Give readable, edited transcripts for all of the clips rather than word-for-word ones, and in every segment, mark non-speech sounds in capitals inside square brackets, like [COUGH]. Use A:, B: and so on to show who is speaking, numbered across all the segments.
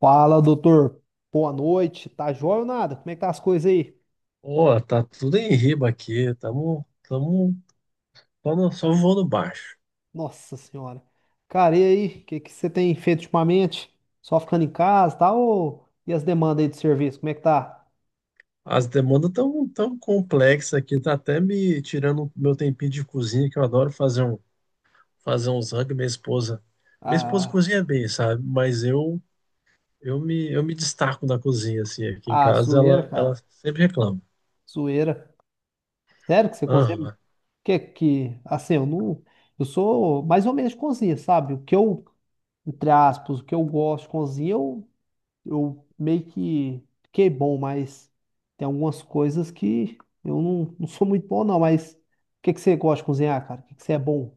A: Fala, doutor. Boa noite. Tá jóia ou nada? Como é que tá as coisas aí?
B: Ó, tá tudo em riba aqui, tamo só, só voando baixo.
A: Nossa senhora. Cara, e aí? O que que você tem feito ultimamente? Só ficando em casa, tá? Ou... E as demandas aí de serviço? Como é que tá?
B: As demandas tão complexas aqui, tá até me tirando meu tempinho de cozinha, que eu adoro fazer uns rango, minha esposa. Minha esposa
A: Ah,
B: cozinha bem, sabe? Mas eu me destaco na cozinha assim, aqui em
A: ah,
B: casa
A: zoeira,
B: ela
A: cara.
B: sempre reclama.
A: Zoeira. Sério que você cozinha?
B: Aham.
A: Que... Assim, eu não... Eu sou mais ou menos de cozinha, sabe? O que eu, entre aspas, o que eu gosto de cozinha, eu meio que fiquei bom, mas tem algumas coisas que eu não, não sou muito bom, não. Mas o que que você gosta de cozinhar, cara? O que que você é bom?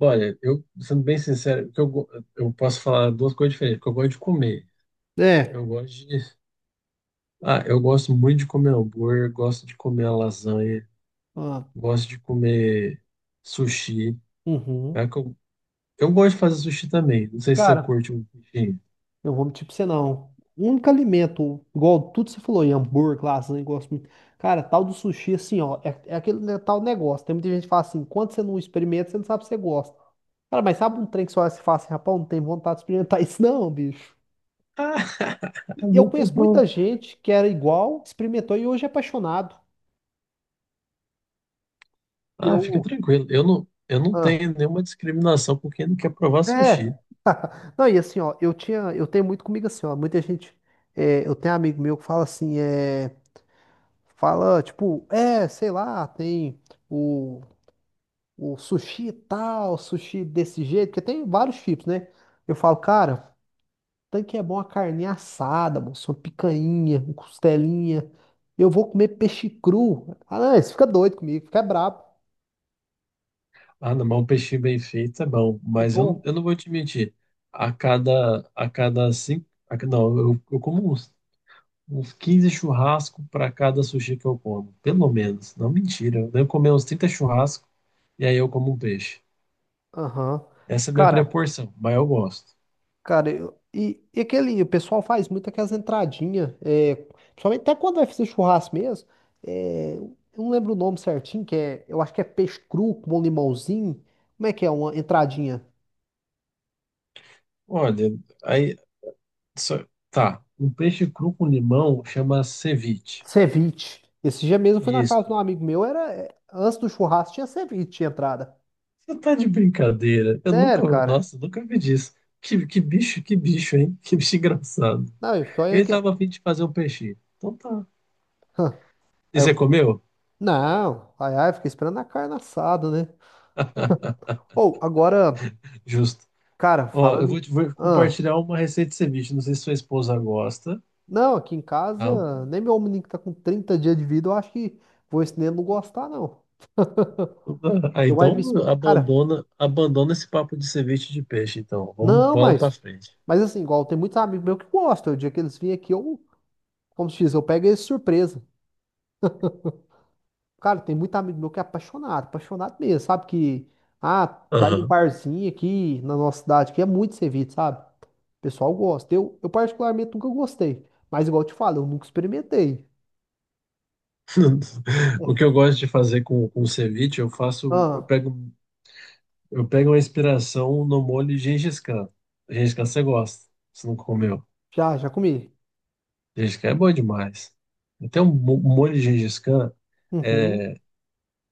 B: Olha, eu sendo bem sincero, eu posso falar duas coisas diferentes, porque eu gosto de comer. Eu
A: É,
B: gosto de Ah, eu gosto muito de comer hambúrguer, gosto de comer lasanha.
A: ah,
B: Gosto de comer sushi.
A: uhum.
B: É que eu, eu gosto de fazer sushi também. Não sei se você
A: Cara,
B: curte um peixinho.
A: eu vou mentir pra você não. O único alimento, igual tudo que você falou, aí, hambúrguer, lasanha, eu gosto muito. Cara, tal do sushi, assim, ó, é, é aquele né, tal negócio. Tem muita gente que fala assim, quando você não experimenta, você não sabe se você gosta. Cara, mas sabe um trem que só se fala assim, rapaz, não tem vontade de experimentar [LAUGHS] isso não, bicho.
B: Ah, [LAUGHS] é
A: E eu
B: muito
A: conheço
B: bom.
A: muita gente que era igual, experimentou e hoje é apaixonado.
B: Ah, fica
A: Eu.
B: tranquilo. Eu não
A: Ah,
B: tenho nenhuma discriminação por quem não quer provar sushi.
A: é. [LAUGHS] Não, e assim, ó, eu tinha, eu tenho muito comigo assim, ó, muita gente, é, eu tenho amigo meu que fala assim, é, fala, tipo, é, sei lá, tem o, o sushi tal, sushi desse jeito, porque tem vários tipos, né? Eu falo, cara, tanque é bom a carne assada, moço, uma picanha, uma costelinha, eu vou comer peixe cru. Ah, não, isso fica doido comigo, fica brabo,
B: Ah, não, mas um peixinho bem feito é bom.
A: é
B: Mas eu,
A: bom.
B: eu não vou te mentir. A cada cinco. Não, eu como uns 15 churrascos para cada sushi que eu como. Pelo menos. Não, mentira. Eu devo comer uns 30 churrascos e aí eu como um peixe.
A: Aham.
B: Essa é a minha
A: Cara,
B: proporção, mas eu gosto.
A: cara, e aquele, o pessoal faz muito aquelas entradinhas, é, principalmente até quando vai fazer churrasco mesmo, é, eu não lembro o nome certinho, que é, eu acho que é peixe cru com um limãozinho, como é que é uma entradinha?
B: Olha, aí só- tá. Um peixe cru com limão chama ceviche.
A: Ceviche. Esse dia mesmo eu fui na casa de
B: Isso.
A: um amigo meu, era, é, antes do churrasco tinha ceviche, tinha entrada.
B: Você tá de brincadeira? Eu nunca,
A: Sério, cara?
B: nossa, eu nunca vi disso. Que bicho, que bicho, hein? [LAUGHS] Que bicho engraçado.
A: Não, eu fiquei olhando
B: Ele
A: que...
B: tava a fim de fazer um peixinho. Então tá.
A: Hã.
B: E
A: Aí eu,
B: você comeu?
A: não, ai, ai, fiquei esperando a carne assada, né? Ou, agora,
B: Justo.
A: cara,
B: Ó,
A: falando em...
B: vou
A: Ahn.
B: compartilhar uma receita de ceviche. Não sei se sua esposa gosta.
A: Não, aqui em
B: Ah,
A: casa, nem meu menino que tá com 30 dias de vida, eu acho que vou esse neném não gostar, não.
B: ah,
A: Eu vai
B: então
A: me. Cara,
B: abandona esse papo de ceviche de peixe. Então, vamos
A: não,
B: bola pra
A: mas.
B: frente.
A: Mas assim, igual tem muitos amigos meus que gostam. O dia que eles vêm aqui, eu, como se diz, eu pego eles de surpresa. Cara, tem muito amigo meu que é apaixonado, apaixonado mesmo, sabe? Que, ah, vai no
B: Aham.
A: barzinho aqui na nossa cidade, que é muito servido, sabe? O pessoal gosta. Eu particularmente nunca gostei. Mas igual eu te falo, eu nunca experimentei.
B: [LAUGHS] O que eu gosto de fazer com ceviche,
A: Ah,
B: eu pego uma inspiração no molho Gengis Khan. Gengis Khan você gosta, você não comeu.
A: já, já comi.
B: Gengis Khan é bom demais. Então, um molho de Gengis Khan
A: Uhum.
B: é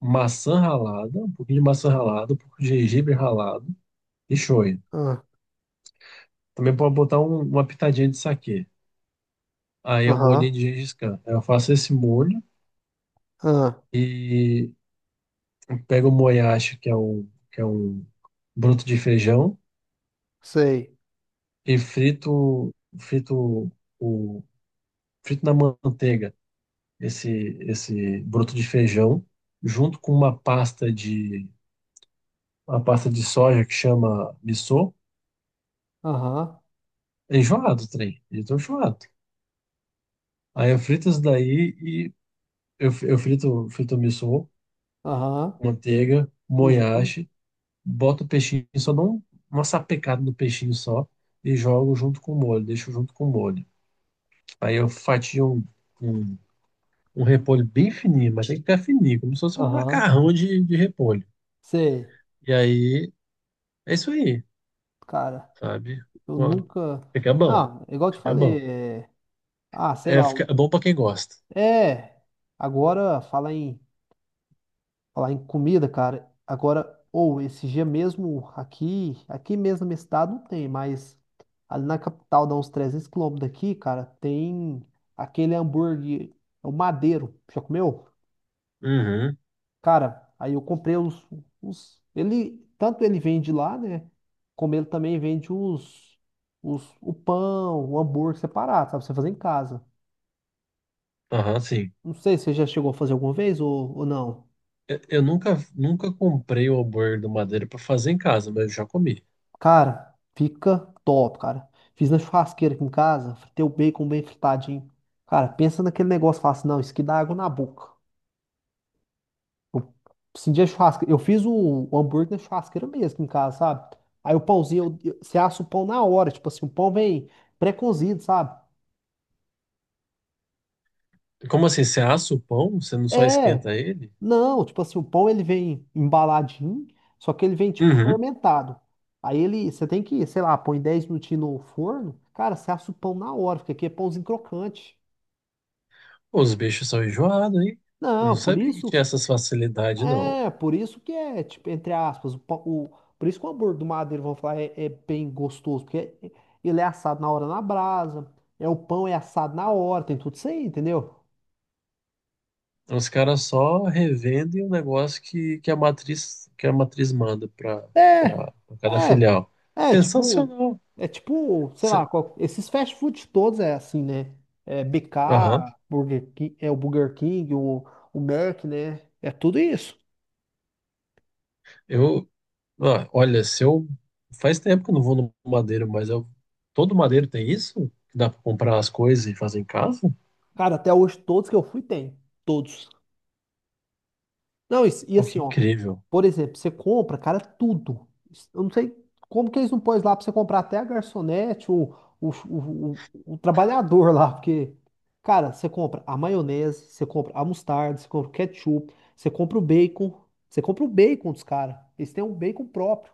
B: maçã ralada, um pouquinho de maçã ralada, um pouco de gengibre ralado e shoyu.
A: Ah,
B: Também pode botar uma pitadinha de saquê. Aí é um molhinho
A: aham.
B: de Gengis Khan. Eu faço esse molho
A: Ah,
B: e pego o moyashi, que é um broto de feijão.
A: sei.
B: E o, frito na manteiga esse, esse broto de feijão, junto com uma pasta de soja que chama missô.
A: Aham,
B: É enjoado o trem, eu tô enjoado. Aí eu frito isso daí e frito o missô,
A: aham,
B: manteiga,
A: uhum,
B: moyashi, boto o peixinho, uma sapecada no peixinho só e jogo junto com o molho, deixo junto com o molho. Aí eu fatio um. um um repolho bem fininho, mas tem que ficar fininho, como se fosse um
A: aham,
B: macarrão de repolho.
A: sei.
B: E aí, é isso aí,
A: Cara,
B: sabe?
A: eu
B: Com a-
A: nunca.
B: Fica bom,
A: Ah, igual eu te
B: fica bom.
A: falei, é... ah, sei
B: É,
A: lá.
B: fica é bom pra quem gosta.
A: É, agora falar em comida, cara. Agora, ou esse dia mesmo aqui, aqui mesmo no meu estado não tem, mas ali na capital, dá uns 300 quilômetros daqui, cara, tem aquele hambúrguer, é o Madeiro. Já comeu?
B: Uhum,
A: Cara, aí eu comprei os, ele tanto ele vende lá, né? Como ele também vende os, o pão, o hambúrguer separado, sabe? Pra você fazer em casa.
B: aham, sim.
A: Não sei se você já chegou a fazer alguma vez ou não.
B: Eu nunca, nunca comprei o hambúrguer do Madeira pra fazer em casa, mas eu já comi.
A: Cara, fica top, cara. Fiz na churrasqueira aqui em casa, fritei o bacon bem fritadinho. Cara, pensa naquele negócio, fala assim, não, isso aqui dá água na boca. Eu senti a churrasqueira. Eu fiz o hambúrguer na churrasqueira mesmo em casa, sabe? Aí o pãozinho, você assa o pão na hora, tipo assim, o pão vem pré-cozido, sabe?
B: Como assim, você assa o pão, você não só
A: É,
B: esquenta ele?
A: não, tipo assim, o pão ele vem embaladinho, só que ele vem tipo
B: Uhum.
A: fermentado. Aí ele, você tem que, sei lá, põe 10 minutinhos no forno, cara, você assa o pão na hora, porque aqui é pãozinho crocante.
B: Pô, os bichos são enjoados, hein? Eu
A: Não,
B: não
A: por
B: sabia que
A: isso,
B: tinha essas facilidades, não.
A: é, por isso que é, tipo, entre aspas, por isso que o hambúrguer do Madeira, vão falar, é, é bem gostoso, porque ele é assado na hora na brasa, é o pão é assado na hora, tem tudo isso aí, entendeu?
B: Os caras só revendem o negócio que a matriz que a matriz manda para
A: É,
B: para cada
A: é,
B: filial.
A: é, tipo,
B: Sensacional.
A: é tipo, sei lá,
B: Se-
A: qual- esses fast food todos é assim, né? É
B: Aham.
A: BK, Burger King, é o Burger King, o Mac, né? É tudo isso.
B: Eu, olha, se eu faz tempo que eu não vou no Madeiro, mas eu todo Madeiro tem isso? Que dá para comprar as coisas e fazer em casa?
A: Cara, até hoje todos que eu fui tem, todos. Não, isso- e
B: Pô,
A: assim,
B: que
A: ó,
B: incrível.
A: por exemplo, você compra, cara, tudo. Eu não sei como que eles não põem lá pra você comprar até a garçonete, o trabalhador lá, porque, cara, você compra a maionese, você compra a mostarda, você compra o ketchup, você compra o bacon, você compra o bacon dos caras. Eles têm um bacon próprio,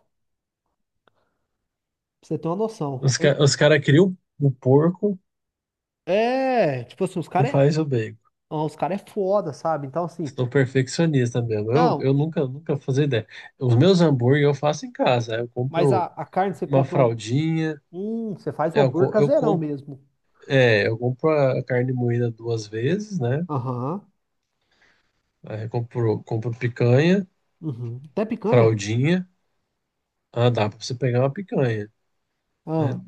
A: pra você ter uma noção.
B: Os caras criam o porco
A: É, tipo assim, os
B: e
A: caras é,
B: faz o bacon.
A: os cara é foda, sabe? Então, assim,
B: Estou perfeccionista mesmo.
A: não,
B: Eu nunca, nunca fazia ideia. Os meus hambúrguer eu faço em casa. Eu
A: mas
B: compro
A: a carne você
B: uma
A: compra um,
B: fraldinha.
A: você faz um
B: É, eu,
A: hambúrguer
B: co- eu,
A: caseirão
B: com-
A: mesmo.
B: é, eu compro a carne moída duas vezes, né?
A: Aham.
B: Aí compro picanha,
A: Uhum. Até picanha?
B: fraldinha. Ah, dá pra você pegar uma picanha. É,
A: Ah,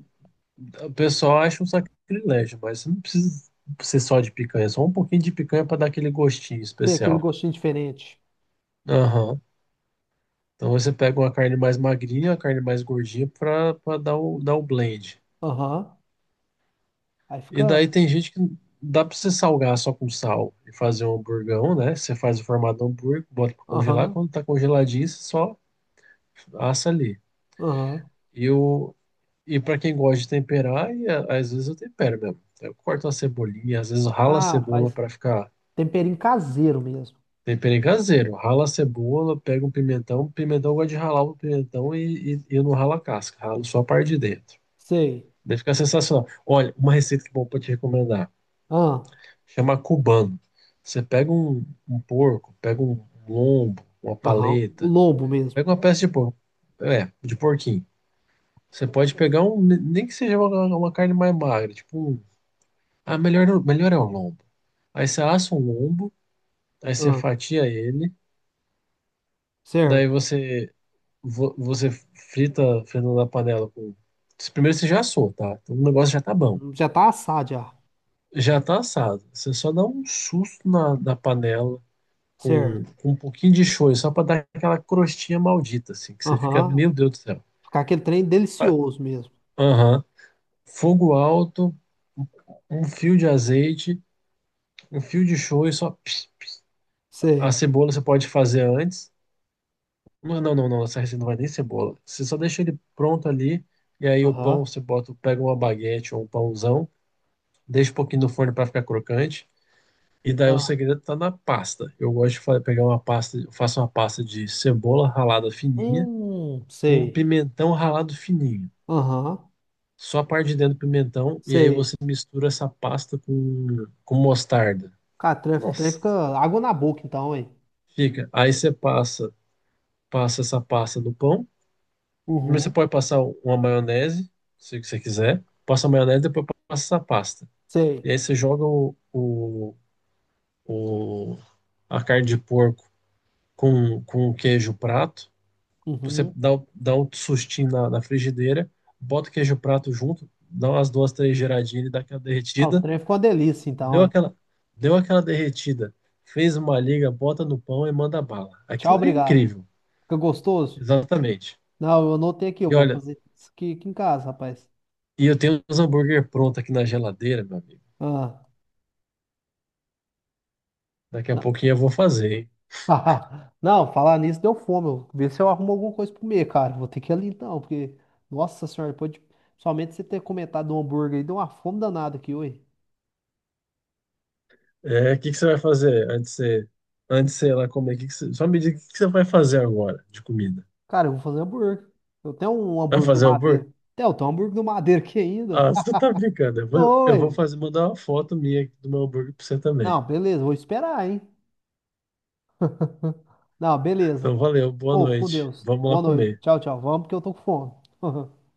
B: o pessoal acha um sacrilégio, mas você não precisa ser só de picanha, só um pouquinho de picanha pra dar aquele gostinho
A: tem aquele
B: especial.
A: gostinho diferente.
B: Aham. Então você pega uma carne mais magrinha, uma carne mais gordinha pra dar dar o blend.
A: Aham. Aí
B: E
A: fica.
B: daí tem gente que dá pra você salgar só com sal e fazer um hamburgão, né? Você faz o formato do hambúrguer, bota pra congelar.
A: Aham.
B: Quando tá congeladinho, você só assa ali.
A: Aham.
B: E, o e para quem gosta de temperar, às vezes eu tempero mesmo. Eu corto uma cebolinha, às vezes eu ralo a
A: Ah,
B: cebola
A: faz
B: pra ficar
A: temperinho caseiro mesmo.
B: tempero caseiro. Rala a cebola, pega um pimentão. Pimentão eu gosto de ralar o pimentão e eu não ralo a casca, ralo só a parte de dentro.
A: Sei.
B: Daí fica sensacional. Olha, uma receita que eu vou te recomendar.
A: Ah,
B: Chama cubano. Você pega um porco, pega um lombo, uma
A: aham. O
B: paleta,
A: lombo
B: pega
A: mesmo.
B: uma peça de porco, é, de porquinho. Você pode pegar um, nem que seja uma carne mais magra, tipo, melhor é o lombo. Aí você assa um lombo, aí você
A: Ah,
B: fatia ele, daí
A: certo.
B: você você frita na panela com. Primeiro você já assou, tá? Então o negócio já tá bom.
A: Uhum. Já tá assado já.
B: Já tá assado. Você só dá um susto na panela,
A: Certo.
B: com um pouquinho de shoyu, só para dar aquela crostinha maldita, assim, que você fica,
A: Aham.
B: meu Deus do céu.
A: Ficar aquele trem
B: ah
A: delicioso mesmo.
B: Aham. Fogo alto, um um fio de azeite, um fio de shoyu, só a
A: Sei.
B: cebola você pode fazer antes. Não, não, não, não, essa receita não vai nem cebola. Você só deixa ele pronto ali, e aí o pão
A: Aham.
B: você bota, pega uma baguete ou um pãozão, deixa um pouquinho no forno para ficar crocante. E daí o
A: Ah.
B: segredo tá na pasta. Eu gosto de fa- Pegar uma pasta, eu faço uma pasta de cebola ralada fininha, com um
A: Sei.
B: pimentão ralado fininho.
A: Aham.
B: Só a parte de dentro do pimentão, e aí
A: Sei.
B: você mistura essa pasta com mostarda.
A: Cara, o trem
B: Nossa,
A: fica água na boca então, hein?
B: fica. Aí passa essa pasta no pão, mas você
A: Uhum.
B: pode passar uma maionese, se você quiser. Passa a maionese, depois passa essa pasta.
A: Sei.
B: E aí você joga o- a carne de porco com o queijo prato. Você
A: Uhum.
B: dá um sustinho na frigideira, bota o queijo prato junto, dá umas duas, três giradinhas e dá aquela
A: Ah, o
B: derretida.
A: trem ficou uma delícia, então,
B: Deu
A: hein?
B: aquela, deu aquela derretida, fez uma liga, bota no pão e manda bala.
A: Tchau,
B: Aquilo ali é
A: obrigado.
B: incrível.
A: Fica gostoso?
B: Exatamente.
A: Não, eu anotei aqui, eu
B: E
A: vou
B: olha,
A: fazer isso aqui, aqui em casa, rapaz.
B: e eu tenho os hambúrguer pronto aqui na geladeira, meu amigo.
A: Ah,
B: Daqui a
A: não,
B: pouquinho eu vou fazer, hein?
A: [LAUGHS] não, falar nisso deu fome. Eu vê se eu arrumo alguma coisa pra comer, cara. Vou ter que ir ali então, porque, nossa senhora, depois de... somente você ter comentado do hambúrguer aí, deu uma fome danada aqui, oi.
B: É, o que que você vai fazer antes de você ir lá comer? Só me diga o que que você vai fazer agora de comida.
A: Cara, eu vou fazer hambúrguer. Eu tenho um
B: Vai
A: hambúrguer do
B: fazer hambúrguer?
A: Madeira. Tem, eu tenho um hambúrguer do Madeira aqui ainda.
B: Ah, você tá brincando.
A: [LAUGHS] Tô,
B: Eu vou
A: ué.
B: fazer, mandar uma foto minha aqui do meu hambúrguer pra você também.
A: Não, beleza, vou esperar, hein? [LAUGHS] Não, beleza.
B: Então, valeu, boa
A: Ou, fico com
B: noite.
A: Deus.
B: Vamos lá
A: Boa noite.
B: comer.
A: Tchau, tchau. Vamos porque eu tô com fome. [LAUGHS]